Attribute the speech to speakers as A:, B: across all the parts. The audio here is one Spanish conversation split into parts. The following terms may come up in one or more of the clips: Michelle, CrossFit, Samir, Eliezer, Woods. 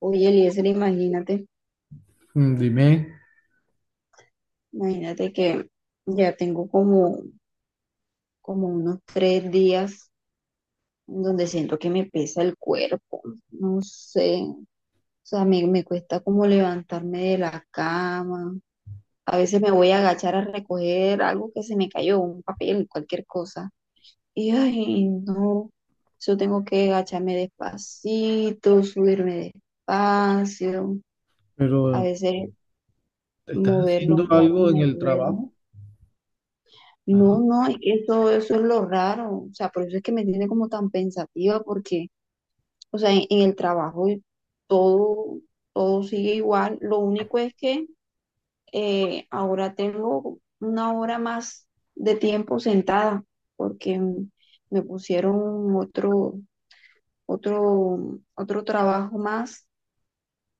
A: Oye, Eliezer, imagínate,
B: Mm, dime,
A: imagínate que ya tengo como unos 3 días donde siento que me pesa el cuerpo, no sé, o sea, me cuesta como levantarme de la cama, a veces me voy a agachar a recoger algo que se me cayó, un papel, cualquier cosa, y ay, no, yo tengo que agacharme despacito, subirme despacio, a
B: pero
A: veces
B: ¿estás
A: mover los
B: haciendo
A: brazos
B: algo en
A: me
B: el
A: duele.
B: trabajo?
A: No,
B: Ajá.
A: no, es que eso es lo raro, o sea, por eso es que me tiene como tan pensativa, porque, o sea, en el trabajo y todo, todo sigue igual, lo único es que ahora tengo una hora más de tiempo sentada, porque me pusieron otro trabajo más,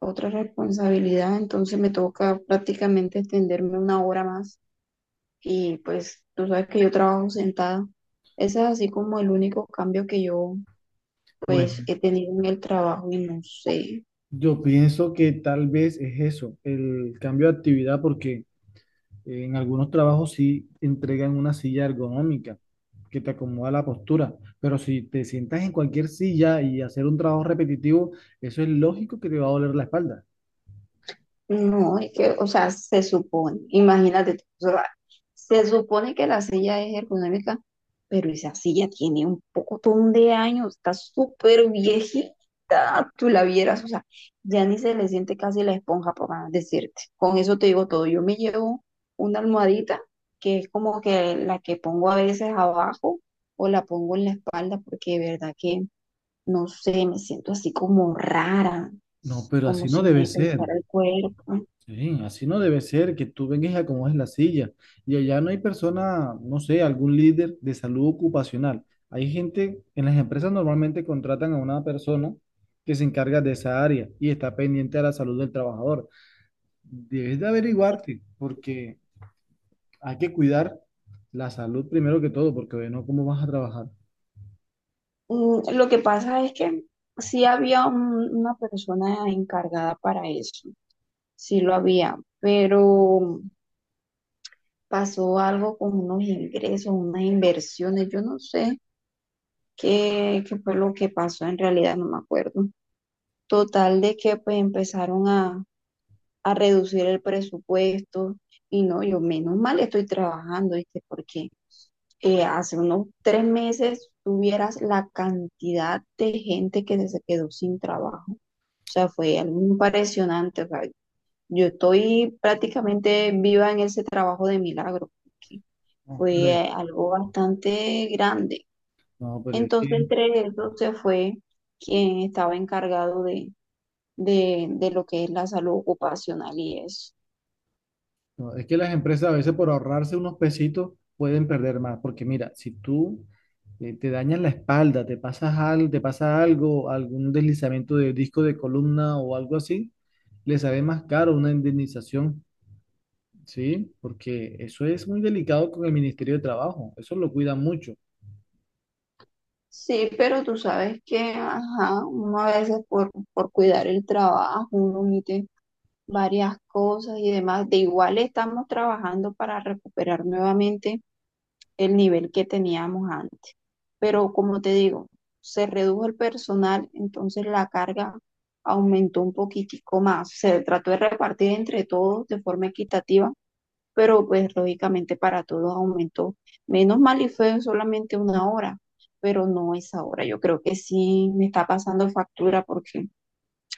A: otra responsabilidad, entonces me toca prácticamente extenderme una hora más. Y pues tú sabes que yo trabajo sentada. Ese es así como el único cambio que yo pues
B: Bueno,
A: he tenido en el trabajo y no sé.
B: yo pienso que tal vez es eso, el cambio de actividad, porque en algunos trabajos sí entregan una silla ergonómica que te acomoda la postura, pero si te sientas en cualquier silla y hacer un trabajo repetitivo, eso es lógico que te va a doler la espalda.
A: No, es que, o sea, se supone, imagínate, tú, o sea, se supone que la silla es ergonómica, pero esa silla tiene un pocotón de años, está súper viejita, tú la vieras, o sea, ya ni se le siente casi la esponja, por más decirte. Con eso te digo todo. Yo me llevo una almohadita, que es como que la que pongo a veces abajo o la pongo en la espalda, porque de verdad que, no sé, me siento así como rara,
B: No, pero
A: como
B: así no
A: si
B: debe
A: me
B: ser.
A: pesara el cuerpo.
B: Sí, así no debe ser, que tú vengas y acomodes la silla. Y allá no hay persona, no sé, algún líder de salud ocupacional. Hay gente, en las empresas normalmente contratan a una persona que se encarga de esa área y está pendiente de la salud del trabajador. Debes de averiguarte, porque hay que cuidar la salud primero que todo, porque oye, no, ¿cómo vas a trabajar?
A: Lo que pasa es que sí había una persona encargada para eso, sí lo había, pero pasó algo con unos ingresos, unas inversiones, yo no sé qué fue lo que pasó en realidad, no me acuerdo. Total de que pues empezaron a reducir el presupuesto y no, yo menos mal estoy trabajando, ¿viste? Porque hace unos 3 meses tuvieras la cantidad de gente que se quedó sin trabajo. O sea, fue algo impresionante. O sea, yo estoy prácticamente viva en ese trabajo de milagro, porque
B: No,
A: fue
B: pero, es-
A: algo bastante grande.
B: no, pero es
A: Entonces,
B: que
A: entre eso se fue quien estaba encargado de lo que es la salud ocupacional y eso.
B: no, es que las empresas a veces por ahorrarse unos pesitos pueden perder más, porque mira, si tú te dañas la espalda, te pasas algo, te pasa algo, algún deslizamiento de disco de columna o algo así, le sale más caro una indemnización, ¿sí? Porque eso es muy delicado con el Ministerio de Trabajo, eso lo cuida mucho.
A: Sí, pero tú sabes que, ajá, uno a veces por, cuidar el trabajo, uno omite varias cosas y demás. De igual estamos trabajando para recuperar nuevamente el nivel que teníamos antes. Pero como te digo, se redujo el personal, entonces la carga aumentó un poquitico más. Se trató de repartir entre todos de forma equitativa, pero pues lógicamente para todos aumentó. Menos mal y fue solamente una hora, pero no esa hora. Yo creo que sí me está pasando factura porque...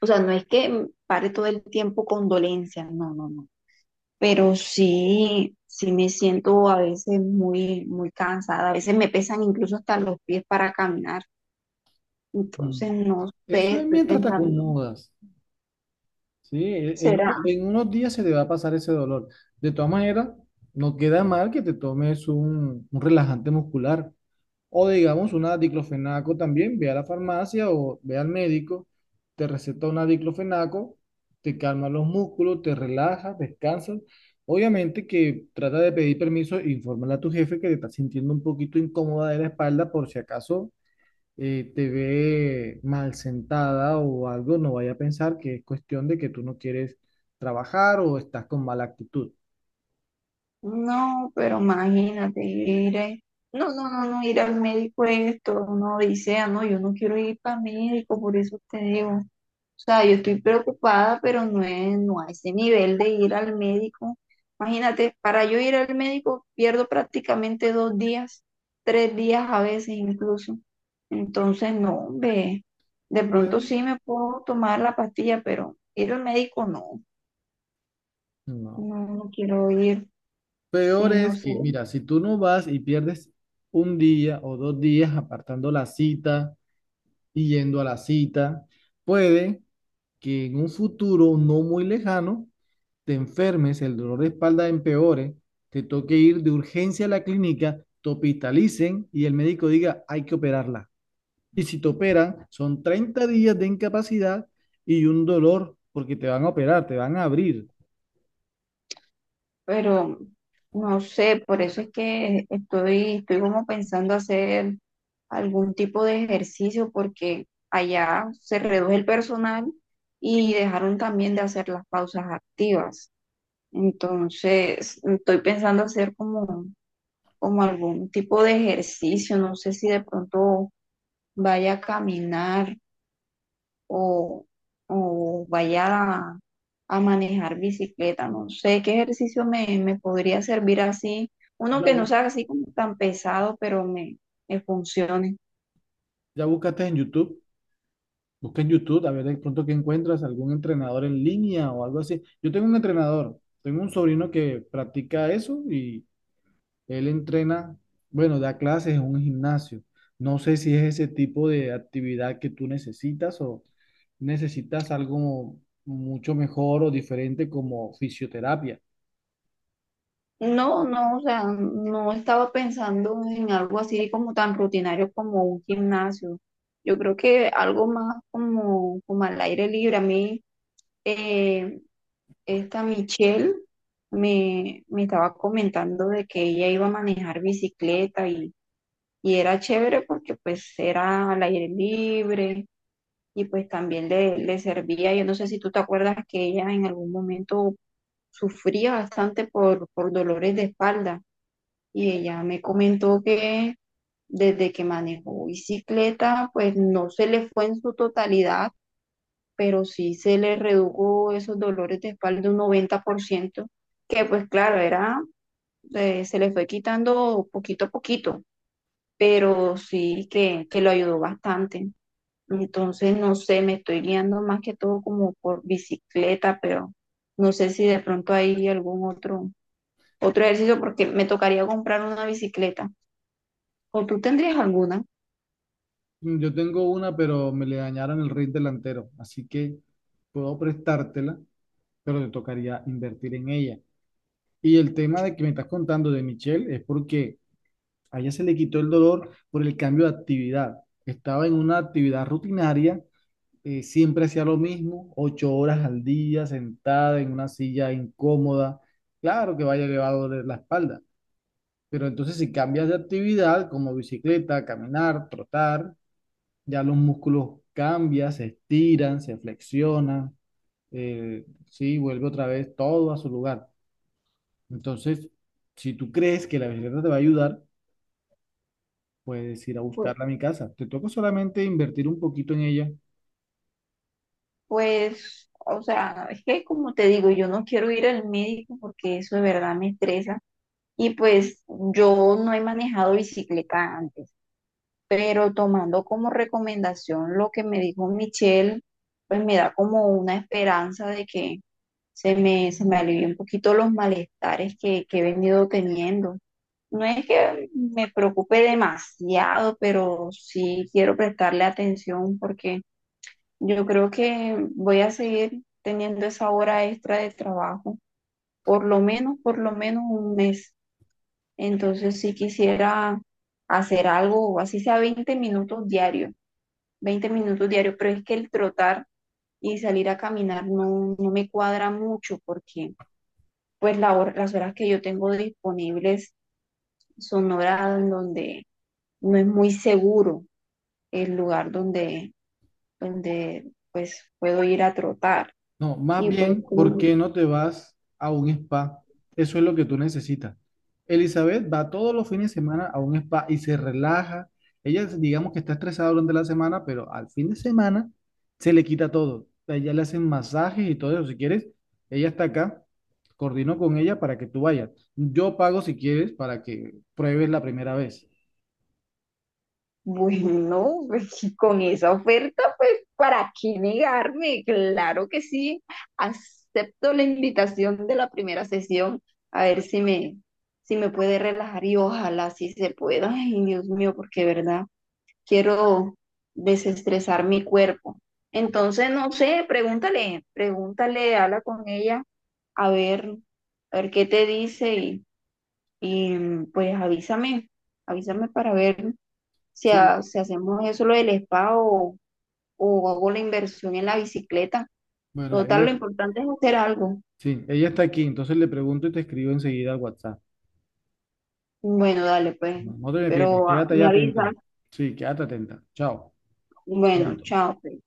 A: O sea, no es que pare todo el tiempo con dolencias, no, no, no. Pero sí, sí me siento a veces muy, muy cansada. A veces me pesan incluso hasta los pies para caminar. Entonces,
B: Mm.
A: no sé,
B: Eso es
A: estoy
B: mientras te
A: pensando,
B: acomodas, ¿sí? E- En,
A: ¿será?
B: uno- en unos días se te va a pasar ese dolor. De todas maneras, no queda mal que te tomes un relajante muscular. O digamos una diclofenaco también, ve a la farmacia o ve al médico, te receta una diclofenaco, te calma los músculos, te relajas, descansas. Obviamente que trata de pedir permiso, infórmale a tu jefe que te estás sintiendo un poquito incómoda de la espalda por si acaso te ve mal sentada o algo, no vaya a pensar que es cuestión de que tú no quieres trabajar o estás con mala actitud.
A: No, pero imagínate, no, no, no, no, ir al médico esto, uno dice, ah, no, yo no quiero ir para médico, por eso te digo. O sea, yo estoy preocupada, pero no es, no a ese nivel de ir al médico. Imagínate, para yo ir al médico pierdo prácticamente 2 días, 3 días a veces incluso. Entonces, no, hombre, de pronto
B: Bueno,
A: sí me puedo tomar la pastilla, pero ir al médico no,
B: no.
A: no, no quiero ir. Sí,
B: Peor
A: no
B: es
A: sé,
B: que, mira, si tú no vas y pierdes un día o dos días apartando la cita y yendo a la cita, puede que en un futuro no muy lejano te enfermes, el dolor de espalda empeore, te toque ir de urgencia a la clínica, te hospitalicen y el médico diga, hay que operarla. Y si te operan, son 30 días de incapacidad y un dolor porque te van a operar, te van a abrir.
A: pero no sé, por eso es que estoy como pensando hacer algún tipo de ejercicio porque allá se reduce el personal y dejaron también de hacer las pausas activas. Entonces, estoy pensando hacer como, como algún tipo de ejercicio, no sé si de pronto vaya a caminar o, o vaya a manejar bicicleta. No sé qué ejercicio me podría servir así, uno que
B: Ya,
A: no
B: bu-
A: sea así como tan pesado, pero me funcione.
B: ya buscaste en YouTube. Busca en YouTube, a ver de pronto que encuentras algún entrenador en línea o algo así. Yo tengo un entrenador, tengo un sobrino que practica eso y él entrena, bueno, da clases en un gimnasio. No sé si es ese tipo de actividad que tú necesitas o necesitas algo mucho mejor o diferente como fisioterapia.
A: No, no, o sea, no estaba pensando en algo así como tan rutinario como un gimnasio. Yo creo que algo más como al aire libre. A mí, eh, esta Michelle me estaba comentando de que ella iba a manejar bicicleta y era chévere porque pues era al aire libre y pues también le servía. Yo no sé si tú te acuerdas que ella en algún momento sufría bastante por, dolores de espalda y ella me comentó que desde que manejó bicicleta pues no se le fue en su totalidad, pero sí se le redujo esos dolores de espalda un 90% que pues claro, era, se le fue quitando poquito a poquito pero sí que lo ayudó bastante. Entonces, no sé, me estoy guiando más que todo como por bicicleta, pero no sé si de pronto hay algún otro, otro ejercicio porque me tocaría comprar una bicicleta. ¿O tú tendrías alguna?
B: Mm, yo tengo una, pero me le dañaron el ring delantero, así que puedo prestártela, pero te tocaría invertir en ella. Y el tema de que me estás contando de Michelle es porque a ella se le quitó el dolor por el cambio de actividad. Estaba en una actividad rutinaria, siempre hacía lo mismo, 8 horas al día, sentada en una silla incómoda. Claro que vaya elevado de la espalda, pero entonces si cambias de actividad como bicicleta, caminar, trotar, ya los músculos cambian, se estiran, se flexionan, sí, vuelve otra vez todo a su lugar. Entonces, si tú crees que la bicicleta te va a ayudar, puedes ir a
A: Pues,
B: buscarla a mi casa. Te toca solamente invertir un poquito en ella.
A: pues, o sea, es que como te digo, yo no quiero ir al médico porque eso de verdad me estresa. Y pues yo no he manejado bicicleta antes. Pero tomando como recomendación lo que me dijo Michelle, pues me da como una esperanza de que se me alivie un poquito los malestares que he venido teniendo. No es que me preocupe demasiado, pero sí quiero prestarle atención porque yo creo que voy a seguir teniendo esa hora extra de trabajo, por lo menos un mes. Entonces sí quisiera hacer algo, así sea 20 minutos diarios 20 minutos diarios, pero es que el trotar y salir a caminar no, no me cuadra mucho porque pues las horas que yo tengo disponibles son horas en donde no es muy seguro el lugar donde, donde pues puedo ir a trotar.
B: No, más
A: Y pues
B: bien, ¿por
A: como-
B: qué no te vas a un spa? Eso es lo que tú necesitas. Elizabeth va todos los fines de semana a un spa y se relaja. Ella, digamos que está estresada durante la semana, pero al fin de semana se le quita todo. A ella le hacen masajes y todo eso. Si quieres, ella está acá. Coordino con ella para que tú vayas. Yo pago si quieres para que pruebes la primera vez.
A: Bueno, pues si con esa oferta, pues ¿para qué negarme? Claro que sí. Acepto la invitación de la primera sesión. A ver si me, si me puede relajar y ojalá sí se pueda. Ay, Dios mío, porque de verdad, quiero desestresar mi cuerpo. Entonces, no sé, pregúntale, pregúntale, habla con ella, a ver, a ver qué te dice y pues avísame, avísame para ver si,
B: Sí,
A: si hacemos eso lo del spa o hago la inversión en la bicicleta.
B: bueno,
A: Total,
B: ella,
A: lo importante es hacer algo.
B: sí, ella está aquí, entonces le pregunto y te escribo enseguida al WhatsApp.
A: Bueno, dale, pues,
B: No, no te me pierdas,
A: pero
B: quédate ahí
A: me avisas.
B: atenta. Sí, quédate atenta. Chao.
A: Bueno,
B: Chaito.
A: chao, pues.